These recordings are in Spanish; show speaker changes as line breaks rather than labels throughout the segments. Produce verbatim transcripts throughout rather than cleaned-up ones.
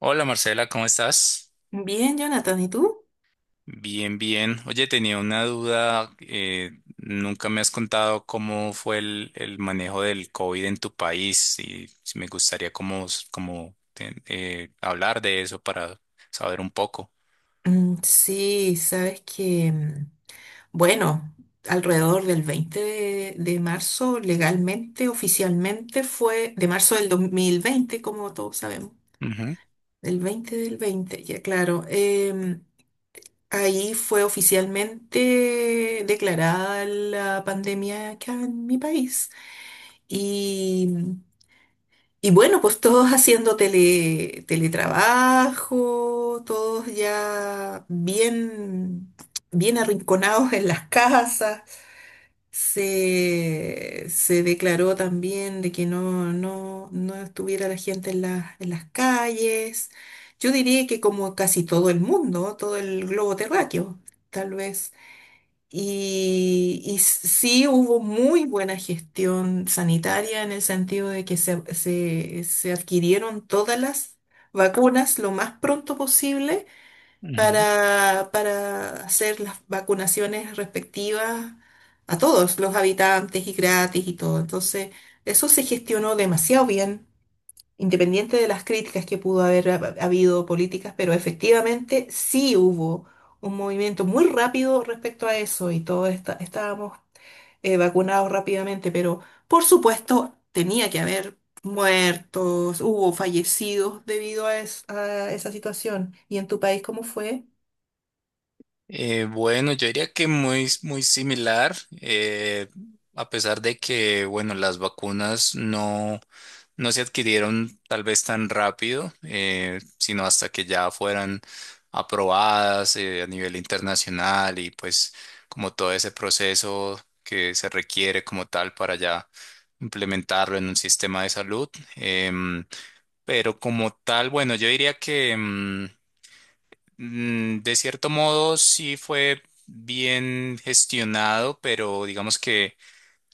Hola Marcela, ¿cómo estás?
Bien, Jonathan, ¿y tú?
Bien, bien. Oye, tenía una duda. Eh, nunca me has contado cómo fue el, el manejo del COVID en tu país y si me gustaría como, s- como, te- eh, hablar de eso para saber un poco.
Mm, sí, sabes que, mm, bueno, alrededor del veinte de, de marzo, legalmente, oficialmente fue de marzo del dos mil veinte, como todos sabemos,
Ujú,
el veinte del veinte. Ya claro, em, ahí fue oficialmente declarada la pandemia acá en mi país. Y mm, Y bueno, pues todos haciendo tele, teletrabajo, todos ya bien, bien arrinconados en las casas. Se, se declaró también de que no, no, no estuviera la gente en las, en las calles. Yo diría que como casi todo el mundo, todo el globo terráqueo, tal vez y, y sí hubo muy buena gestión sanitaria en el sentido de que se, se- se adquirieron todas las vacunas lo más pronto posible
ujú.
para, para hacer las vacunaciones respectivas a todos los habitantes y gratis y todo. Entonces, eso se gestionó demasiado bien independiente de las críticas que pudo haber hab- habido políticas, pero efectivamente sí hubo un movimiento muy rápido respecto a eso y todos esta- estábamos eh, vacunados rápidamente, pero por supuesto tenía que haber muertos, hubo fallecidos debido a, es- a esa situación. ¿Y en tu país cómo fue?
Eh, bueno, yo diría que muy, muy similar, eh, a pesar de que, bueno, las vacunas no, no se adquirieron tal vez tan rápido, eh, sino hasta que ya fueran aprobadas, eh, a nivel internacional y pues como todo ese proceso que se requiere como tal para ya implementarlo en un sistema de salud. Em, pero como tal, bueno, yo diría que mm, Mm, de cierto modo, sí fue bien gestionado, pero digamos que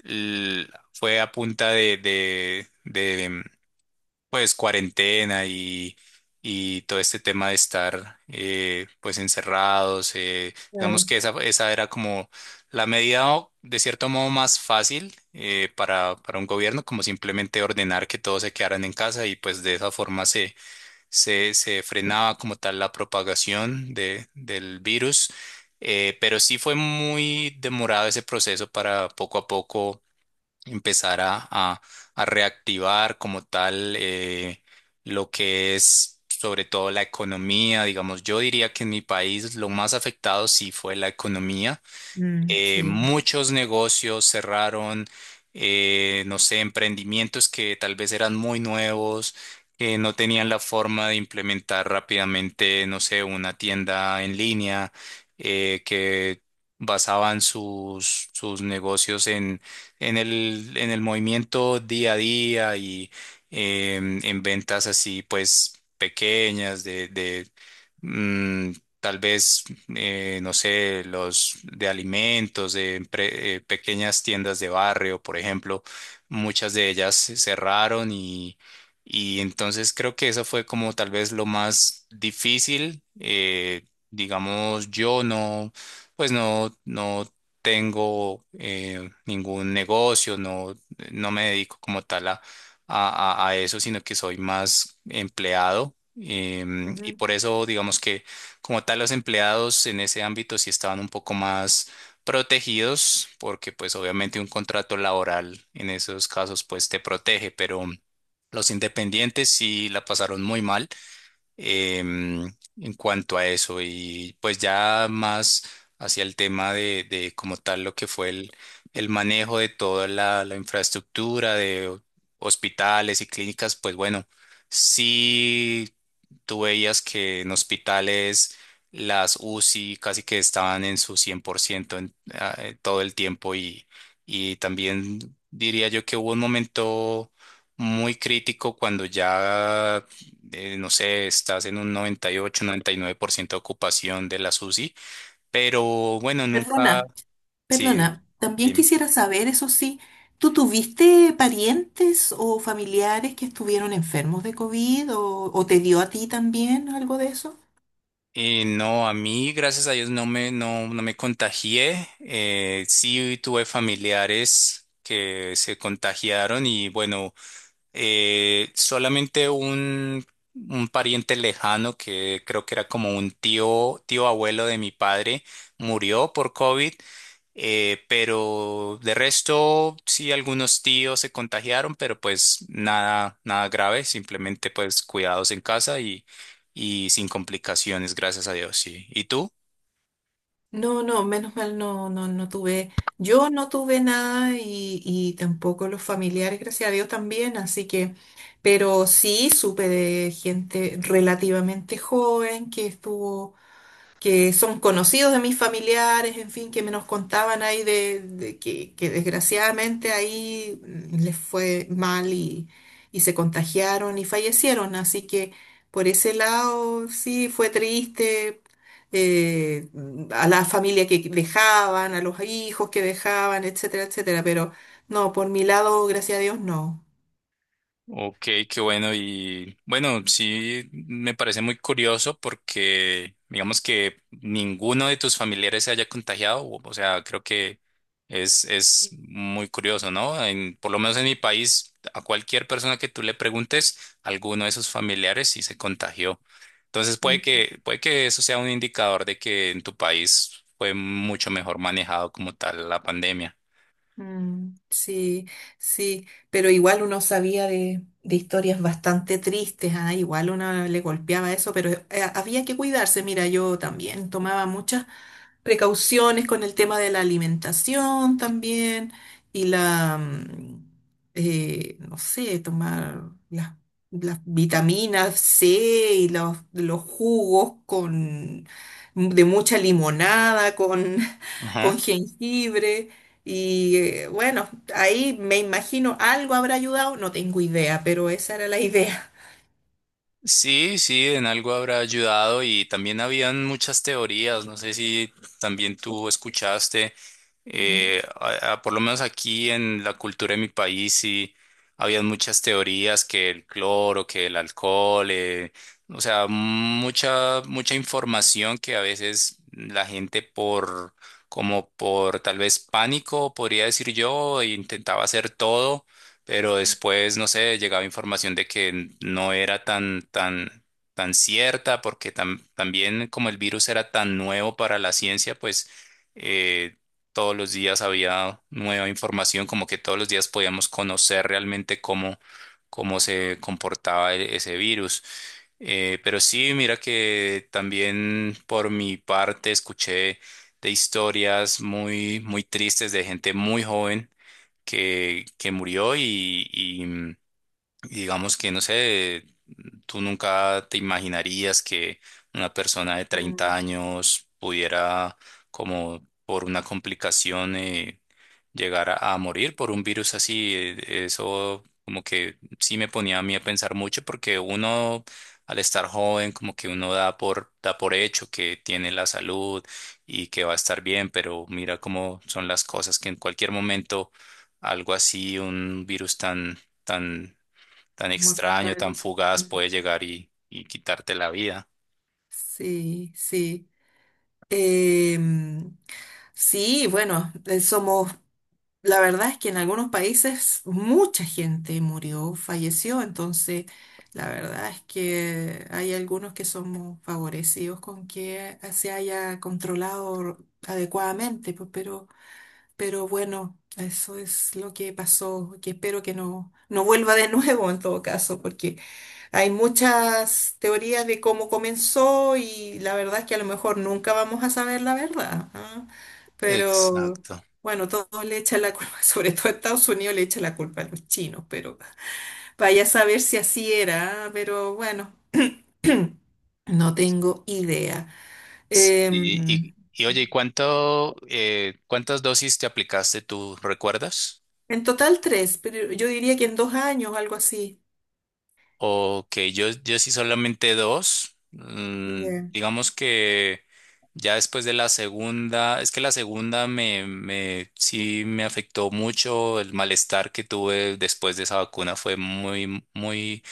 l- fue a punta de, de, de, mm, pues, cuarentena y, y todo este tema de estar, eh, pues, encerrados. Eh, digamos
Claro.
que esa, esa era como la medida, o, de cierto modo, más fácil, eh, para, para un gobierno, como simplemente ordenar que todos se quedaran en casa y, pues, de esa forma se, se frenaba como tal la propagación de, del virus, eh, pero sí fue muy demorado ese proceso para poco a poco empezar a, a- a reactivar como tal, eh, lo que es sobre todo la economía. Digamos, yo diría que en mi país lo más afectado sí fue la economía.
Mm,
Eh,
sí.
muchos negocios cerraron, eh, no sé, emprendimientos que tal vez eran muy nuevos, que no tenían la forma de implementar rápidamente, no sé, una tienda en línea, eh, que basaban sus, sus negocios en, en el, en el movimiento día a día y em, en ventas así, pues, pequeñas de de, mm, tal vez eh, no sé, los de alimentos, de empre- eh, pequeñas tiendas de barrio, por ejemplo, muchas de ellas se cerraron y, y entonces creo que eso fue como tal vez lo más difícil. Eh, digamos, yo no, pues no, no tengo eh, ningún negocio. no, no me dedico como tal a, a, a- a eso, sino que soy más empleado. Em, y
Ujú.
por eso digamos que como tal, los empleados en ese ámbito sí estaban un poco más protegidos porque pues obviamente un contrato laboral en esos casos pues te protege, pero los independientes sí la pasaron muy mal em, en cuanto a eso. Y pues ya más hacia el tema de, de como tal lo que fue el, el manejo de toda la, la infraestructura de hospitales y clínicas, pues bueno, sí tú veías que en hospitales las UCI casi que estaban en su cien por ciento en, ah, eh, todo el tiempo, y, y también diría yo que hubo un momento muy crítico cuando ya, eh, no sé, estás en un noventa y ocho, noventa y nueve por ciento de ocupación de la SUSI, pero bueno, nunca.
Perdona.
Sí,
Perdona, también
dime.
quisiera saber, eso sí, ¿tú tuviste parientes o familiares que estuvieron enfermos de COVID o, o te dio a ti también algo de eso?
Y no, a mí, gracias a Dios, no me, no, no me contagié. Eh, sí tuve familiares que se contagiaron y bueno, eh, solamente un, un pariente lejano que creo que era como un tío, tío abuelo de mi padre, murió por COVID. Eh, pero de resto, sí, algunos tíos se contagiaron, pero pues nada, nada grave, simplemente pues cuidados en casa y, y sin complicaciones, gracias a Dios, sí. ¿Y tú?
No, no, menos mal no, no, no tuve, yo no tuve nada y, y tampoco los familiares, gracias a Dios también, así que, pero sí supe de gente relativamente joven que estuvo, que son conocidos de mis familiares, en fin, que me nos contaban ahí de, de que, que desgraciadamente ahí mm, les fue mal y, y se contagiaron y fallecieron. Así que por ese lado sí fue triste. eh, a la familia que dejaban, a los hijos que dejaban, etcétera, etcétera. Pero no, por mi lado, gracias a Dios, no.
Ok, qué bueno. Y bueno, sí me parece muy curioso porque digamos que ninguno de tus familiares se haya contagiado. O o sea, creo que es, es muy curioso, ¿no? En, por lo menos en mi país, a cualquier persona que tú le preguntes, alguno de sus familiares sí se contagió. Entonces puede que, puede que eso sea un indicador de que en tu país fue mucho mejor manejado como tal la pandemia.
Mm, sí, sí, pero igual uno sabía de, de historias bastante tristes. Ah, igual uno le golpeaba eso, pero eh, había que cuidarse. Mira, yo también tomaba muchas precauciones con el tema de la alimentación también y la, mm, eh, no sé, tomar las, las vitaminas C y los, los jugos con, de mucha limonada, con con jengibre y eh, bueno, ahí me imagino algo habrá ayudado, no tengo idea, pero esa era la idea.
Sí, sí, en algo habrá ayudado, y también habían muchas teorías. No sé si también tú escuchaste,
Ujú.
eh, a- a- por lo menos aquí en la cultura de mi país sí habían muchas teorías que el cloro, que el alcohol, eh, o sea, mucha, mucha información que a veces la gente por, como por tal vez pánico, podría decir yo, intentaba hacer todo. Pero después, no sé, llegaba información de que no era tan, tan, tan cierta, porque tam- también como el virus era tan nuevo para la ciencia, pues, eh, todos los días había nueva información, como que todos los días podíamos conocer realmente cómo, cómo se comportaba e- ese virus. Eh, pero sí, mira que también por mi parte escuché de historias muy, muy tristes de gente muy joven que, que murió y, y, mm, digamos que, no sé, ¿tú nunca te imaginarías que una persona de treinta
Mm,
años pudiera, como por una complicación, eh, llegar a, a morir por un virus así? Eh, Eso como que sí me ponía a mí a pensar mucho porque uno, al estar joven, como que uno da por, da por hecho que tiene la salud y que va a estar bien, pero mira cómo son las cosas que en cualquier momento algo así, un virus tan... tan tan
mortal.
extraño, tan fugaz
Mm,
puede llegar y, y quitarte la vida.
sí, sí. Em, sí, bueno, eh, somos, la verdad es que en algunos países mucha gente murió, falleció, entonces la verdad es que hay algunos que somos favorecidos con que se haya controlado adecuadamente, pues, pero... Pero bueno, eso es lo que pasó, que espero que no, no vuelva de nuevo en todo caso, porque hay muchas teorías de cómo comenzó y la verdad es que a lo mejor nunca vamos a saber la verdad, ¿ah? Pero
Exacto.
bueno, todos le echan la culpa, sobre todo Estados Unidos le echa la culpa a los chinos, pero vaya a saber si así era, ¿ah? Pero bueno, no tengo idea.
Sí. Y,
Em,
y, y oye, ¿y cuánto, eh, cuántas dosis te aplicaste tú, recuerdas?
en total tres, pero yo diría que en dos años, algo así.
Ok, yo, yo sí solamente dos. Mm,
Ya.
digamos que ya después de la segunda, es que la segunda me, me, sí me afectó mucho. El malestar que tuve después de esa vacuna fue muy, muy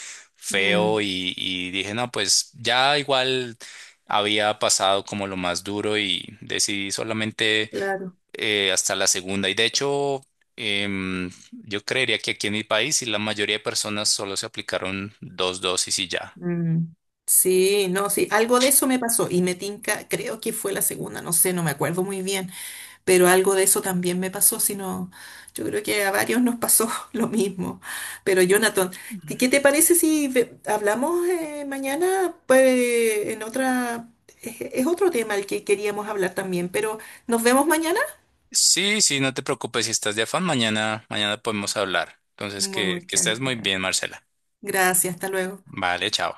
Mm.
feo y, y dije, no, pues ya igual había pasado como lo más duro y decidí solamente,
Claro.
eh, hasta la segunda. Y de hecho, em, yo creería que aquí en mi país y la mayoría de personas solo se aplicaron dos dosis y ya.
Mm. Sí, no, sí, algo de eso me pasó y me tinca, creo que fue la segunda, no sé, no me acuerdo muy bien, pero algo de eso también me pasó, sino yo creo que a varios nos pasó lo mismo. Pero Jonathan, ¿qué qué te parece si ve- hablamos eh, mañana? Pues en otra, es, es otro tema el que queríamos hablar también, pero nos vemos mañana.
Sí, sí, no te preocupes si estás de afán. Mañana, mañana podemos hablar. Entonces, que, que
Muchas
estés muy
gracias.
bien, Marcela.
Gracias, hasta luego.
Vale, chao.